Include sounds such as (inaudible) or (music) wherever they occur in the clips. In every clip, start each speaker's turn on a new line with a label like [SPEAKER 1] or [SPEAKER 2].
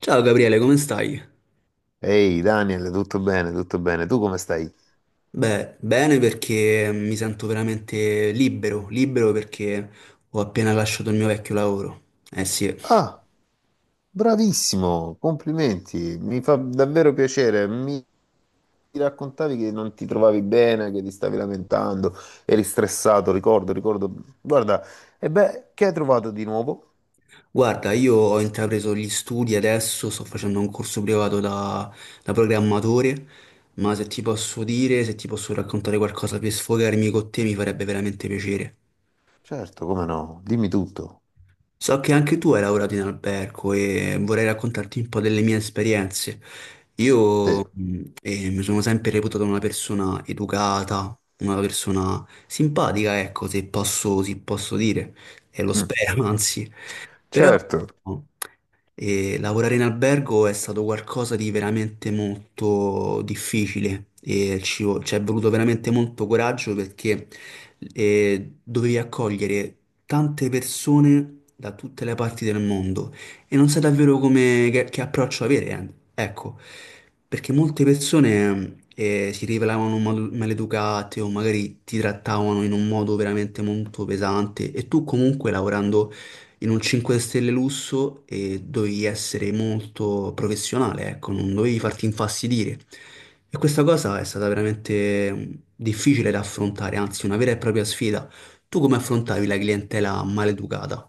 [SPEAKER 1] Ciao Gabriele, come stai?
[SPEAKER 2] Ehi Daniel, tutto bene, tutto bene. Tu come stai?
[SPEAKER 1] Beh, bene perché mi sento veramente libero, libero perché ho appena lasciato il mio vecchio lavoro. Eh sì,
[SPEAKER 2] Ah, bravissimo, complimenti. Mi fa davvero piacere. Mi raccontavi che non ti trovavi bene, che ti stavi lamentando, eri stressato, ricordo. Guarda, e beh, che hai trovato di nuovo?
[SPEAKER 1] guarda, io ho intrapreso gli studi adesso, sto facendo un corso privato da programmatore, ma se ti posso dire, se ti posso raccontare qualcosa per sfogarmi con te, mi farebbe veramente piacere.
[SPEAKER 2] Certo, come no? Dimmi tutto.
[SPEAKER 1] So che anche tu hai lavorato in albergo e vorrei raccontarti un po' delle mie esperienze.
[SPEAKER 2] Sì.
[SPEAKER 1] Io mi sono sempre reputato una persona educata, una persona simpatica, ecco, se posso dire, e lo
[SPEAKER 2] Mm,
[SPEAKER 1] spero, (laughs) anzi. Però
[SPEAKER 2] certo.
[SPEAKER 1] no, e lavorare in albergo è stato qualcosa di veramente molto difficile e ci è voluto veramente molto coraggio perché dovevi accogliere tante persone da tutte le parti del mondo e non sai davvero che approccio avere, eh. Ecco, perché molte persone si rivelavano maleducate o magari ti trattavano in un modo veramente molto pesante e tu comunque lavorando in un 5 stelle lusso e dovevi essere molto professionale, ecco, non dovevi farti infastidire. E questa cosa è stata veramente difficile da affrontare, anzi una vera e propria sfida. Tu come affrontavi la clientela maleducata?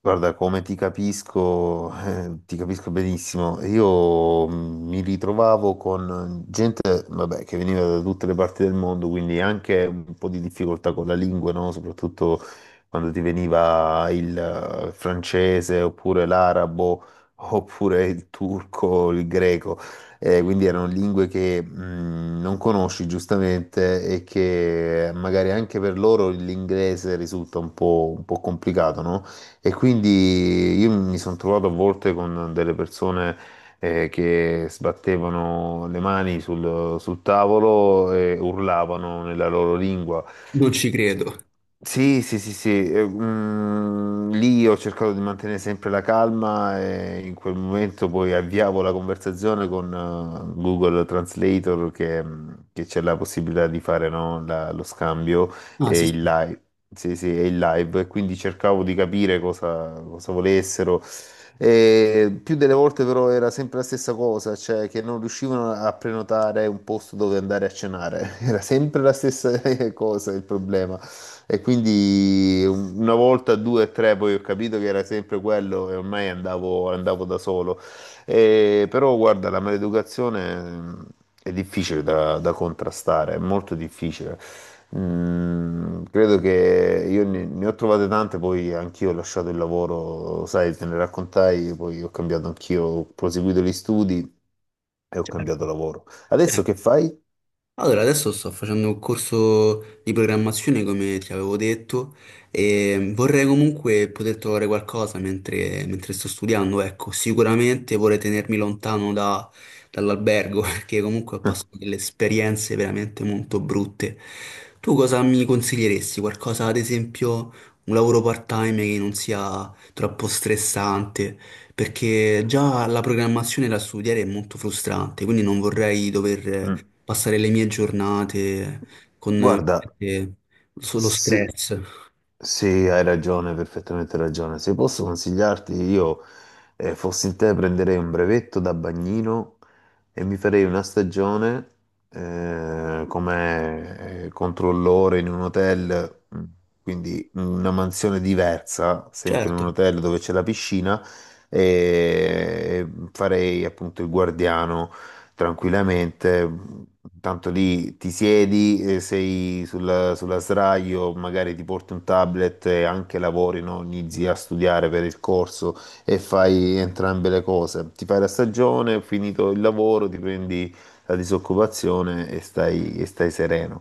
[SPEAKER 2] Guarda, come ti capisco benissimo. Io mi ritrovavo con gente, vabbè, che veniva da tutte le parti del mondo, quindi anche un po' di difficoltà con la lingua, no? Soprattutto quando ti veniva il francese, oppure l'arabo, oppure il turco, il greco. Quindi erano lingue che non conosci giustamente e che magari anche per loro l'inglese risulta un po' complicato, no? E quindi io mi sono trovato a volte con delle persone che sbattevano le mani sul tavolo e urlavano nella loro lingua.
[SPEAKER 1] Non ci credo.
[SPEAKER 2] Sì, sì, sì, sì, lì ho cercato di mantenere sempre la calma e in quel momento poi avviavo la conversazione con Google Translator che c'è la possibilità di fare no, lo scambio
[SPEAKER 1] Ah, sì,
[SPEAKER 2] e
[SPEAKER 1] sì,
[SPEAKER 2] il live. Sì, sì, e il live, e quindi cercavo di capire cosa volessero. E più delle volte però era sempre la stessa cosa, cioè che non riuscivano a prenotare un posto dove andare a cenare, (laughs) era sempre la stessa (laughs) cosa il problema. E quindi una volta, due, o tre, poi ho capito che era sempre quello e ormai andavo da solo. Però guarda, la maleducazione è difficile da contrastare, è molto difficile. Mm, credo che io ne ho trovate tante, poi anch'io ho lasciato il lavoro, sai, te ne raccontai, poi ho cambiato anch'io, ho proseguito gli studi e ho
[SPEAKER 1] certo.
[SPEAKER 2] cambiato lavoro. Adesso
[SPEAKER 1] Certo.
[SPEAKER 2] che fai?
[SPEAKER 1] Allora, adesso sto facendo un corso di programmazione, come ti avevo detto, e vorrei comunque poter trovare qualcosa mentre sto studiando, ecco, sicuramente vorrei tenermi lontano dall'albergo, (laughs) perché comunque ho passato
[SPEAKER 2] (laughs)
[SPEAKER 1] delle esperienze veramente molto brutte. Tu cosa mi consiglieresti? Qualcosa, ad esempio, un lavoro part-time che non sia troppo stressante, perché già la programmazione da studiare è molto frustrante, quindi non vorrei dover
[SPEAKER 2] Mm.
[SPEAKER 1] passare le mie giornate con
[SPEAKER 2] Guarda,
[SPEAKER 1] eh, solo
[SPEAKER 2] Se-
[SPEAKER 1] stress.
[SPEAKER 2] sì, hai ragione, perfettamente ragione. Se posso consigliarti, io fossi in te prenderei un brevetto da bagnino e mi farei una stagione come controllore in un hotel, mm, quindi una mansione diversa, sempre in
[SPEAKER 1] Certo,
[SPEAKER 2] un hotel dove c'è la piscina, e farei appunto il guardiano tranquillamente. Tanto lì ti siedi, sei sulla sdraio, magari ti porti un tablet e anche lavori, no? Inizi a studiare per il corso e fai entrambe le cose. Ti fai la stagione, finito il lavoro, ti prendi la disoccupazione e e stai sereno.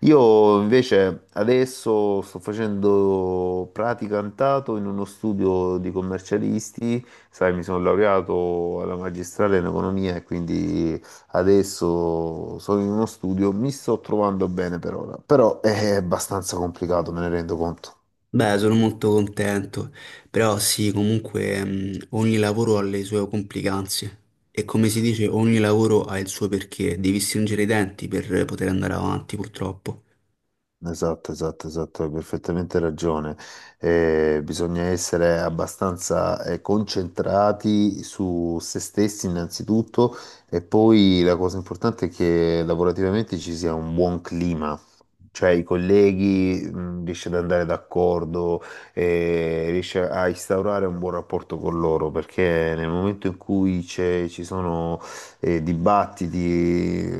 [SPEAKER 2] Io invece adesso sto facendo praticantato in uno studio di commercialisti, sai, mi sono laureato alla magistrale in economia e quindi adesso sono in uno studio, mi sto trovando bene per ora, però è abbastanza complicato, me ne rendo conto.
[SPEAKER 1] beh, sono molto contento, però sì, comunque ogni lavoro ha le sue complicanze e come si dice, ogni lavoro ha il suo perché, devi stringere i denti per poter andare avanti, purtroppo.
[SPEAKER 2] Esatto, esatto, esatto, hai perfettamente ragione. Bisogna essere abbastanza concentrati su se stessi innanzitutto e poi la cosa importante è che lavorativamente ci sia un buon clima, cioè i colleghi riesce ad andare d'accordo, riesce a instaurare un buon rapporto con loro, perché nel momento in cui ci sono dibattiti,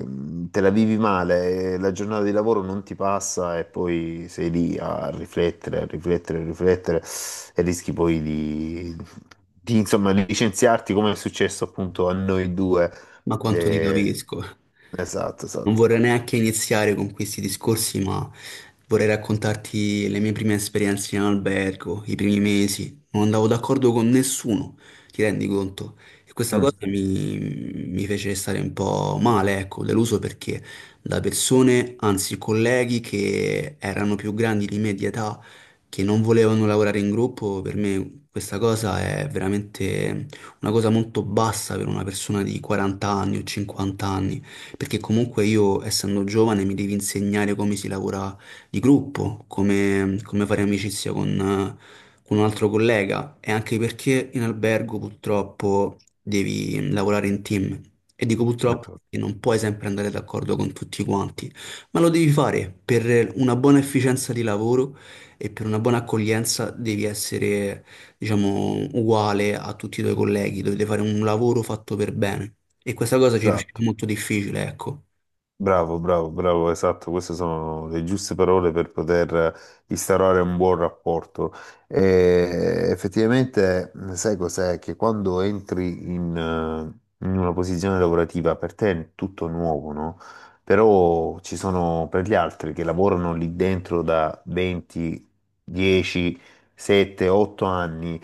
[SPEAKER 2] te la vivi male, la giornata di lavoro non ti passa e poi sei lì a riflettere e rischi poi insomma, licenziarti come è successo appunto a noi due.
[SPEAKER 1] Ma quanto ti
[SPEAKER 2] Eh,
[SPEAKER 1] capisco.
[SPEAKER 2] esatto,
[SPEAKER 1] Non
[SPEAKER 2] esatto.
[SPEAKER 1] vorrei neanche iniziare con questi discorsi, ma vorrei raccontarti le mie prime esperienze in albergo, i primi mesi. Non andavo d'accordo con nessuno, ti rendi conto? E questa
[SPEAKER 2] Mm,
[SPEAKER 1] mi fece stare un po' male, ecco, deluso perché da persone, anzi colleghi che erano più grandi di me di età, che non volevano lavorare in gruppo, per me questa cosa è veramente una cosa molto bassa per una persona di 40 anni o 50 anni perché comunque io, essendo giovane, mi devi insegnare come si lavora di gruppo, come fare amicizia con un altro collega e anche perché in albergo purtroppo devi lavorare in team e dico purtroppo
[SPEAKER 2] esatto.
[SPEAKER 1] perché non puoi sempre andare d'accordo con tutti quanti, ma lo devi fare per una buona efficienza di lavoro e per una buona accoglienza devi essere diciamo, uguale a tutti i tuoi colleghi, dovete fare un lavoro fatto per bene. E questa cosa ci riusciva
[SPEAKER 2] Esatto.
[SPEAKER 1] molto difficile, ecco.
[SPEAKER 2] Bravo, bravo, bravo, esatto, queste sono le giuste parole per poter instaurare un buon rapporto. E effettivamente, sai cos'è? Che quando entri in una posizione lavorativa, per te è tutto nuovo, no? Però ci sono per gli altri che lavorano lì dentro da 20, 10, 7, 8 anni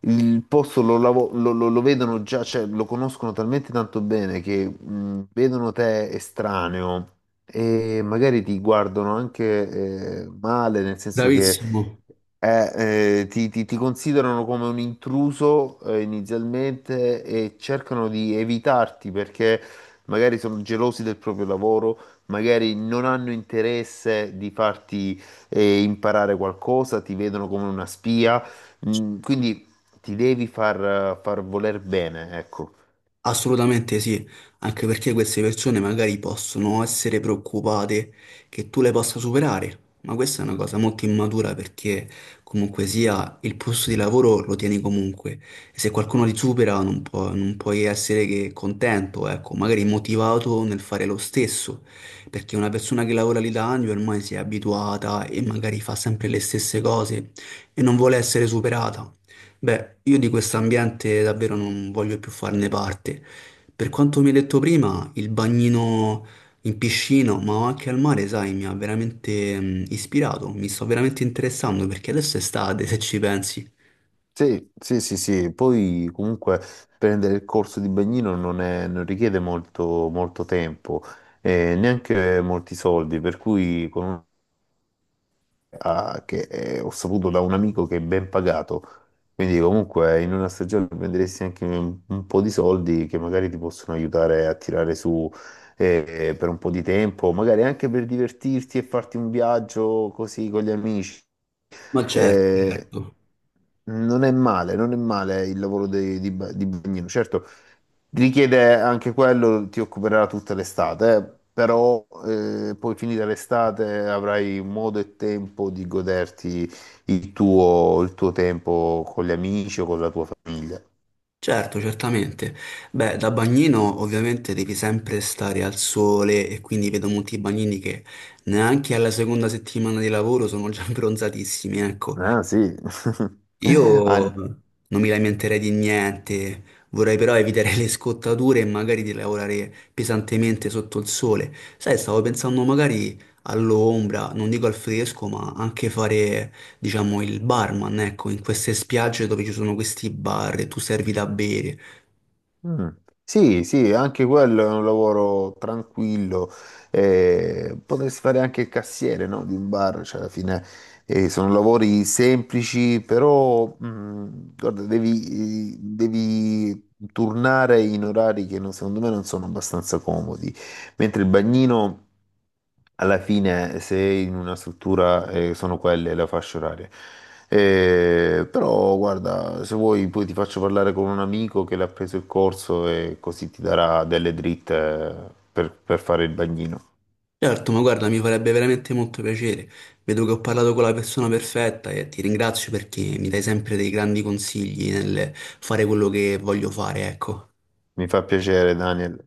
[SPEAKER 2] il posto lo vedono già, cioè lo conoscono talmente tanto bene che vedono te estraneo e magari ti guardano anche male, nel senso che
[SPEAKER 1] Bravissimo.
[SPEAKER 2] ti considerano come un intruso inizialmente e cercano di evitarti perché magari sono gelosi del proprio lavoro, magari non hanno interesse di farti imparare qualcosa, ti vedono come una spia. Mm, quindi ti devi far voler bene, ecco.
[SPEAKER 1] Assolutamente sì, anche perché queste persone magari possono essere preoccupate che tu le possa superare, ma questa è una cosa molto immatura perché comunque sia il posto di lavoro lo tieni comunque e se qualcuno ti supera non puoi essere che contento, ecco, magari motivato nel fare lo stesso, perché una persona che lavora lì da anni ormai si è abituata e magari fa sempre le stesse cose e non vuole essere superata. Beh, io di questo ambiente davvero non voglio più farne parte. Per quanto mi hai detto prima, il bagnino in piscina, ma anche al mare, sai, mi ha veramente ispirato, mi sto veramente interessando perché adesso è estate, se ci pensi.
[SPEAKER 2] Sì, sì, sì, sì. Poi comunque prendere il corso di bagnino non richiede molto tempo e neanche molti soldi, per cui ho saputo da un amico che è ben pagato, quindi comunque in una stagione prenderesti anche un po' di soldi che magari ti possono aiutare a tirare su per un po' di tempo, magari anche per divertirti e farti un viaggio così con gli amici.
[SPEAKER 1] Ma certo,
[SPEAKER 2] Eh,
[SPEAKER 1] certo,
[SPEAKER 2] non è male, non è male il lavoro di bagnino. Certo, richiede anche quello, ti occuperà tutta l'estate, però poi finita l'estate avrai modo e tempo di goderti il tuo tempo con gli amici o con la tua famiglia.
[SPEAKER 1] certo, certamente. Beh, da bagnino ovviamente devi sempre stare al sole e quindi vedo molti bagnini che neanche alla seconda settimana di lavoro sono già (laughs) bronzatissimi, ecco.
[SPEAKER 2] Ah, sì. (laughs)
[SPEAKER 1] Io
[SPEAKER 2] Ah,
[SPEAKER 1] non mi lamenterei di niente, vorrei però evitare (laughs) le scottature e magari di lavorare pesantemente sotto il sole. Sai, stavo pensando magari all'ombra, non dico al fresco, ma anche fare, diciamo, il barman, ecco, in queste spiagge dove ci sono questi bar e tu servi da bere.
[SPEAKER 2] mm. Sì, sì, anche quello è un lavoro tranquillo. Eh, potresti fare anche il cassiere, no? Di un bar, cioè alla fine sono lavori semplici, però mm, guarda, devi turnare in orari che non- secondo me non sono abbastanza comodi. Mentre il bagnino alla fine, se in una struttura sono quelle le fasce orarie. Però guarda, se vuoi poi ti faccio parlare con un amico che l'ha preso il corso e così ti darà delle dritte per fare il bagnino.
[SPEAKER 1] Certo, ma guarda, mi farebbe veramente molto piacere. Vedo che ho parlato con la persona perfetta e ti ringrazio perché mi dai sempre dei grandi consigli nel fare quello che voglio fare, ecco.
[SPEAKER 2] Mi fa piacere, Daniel.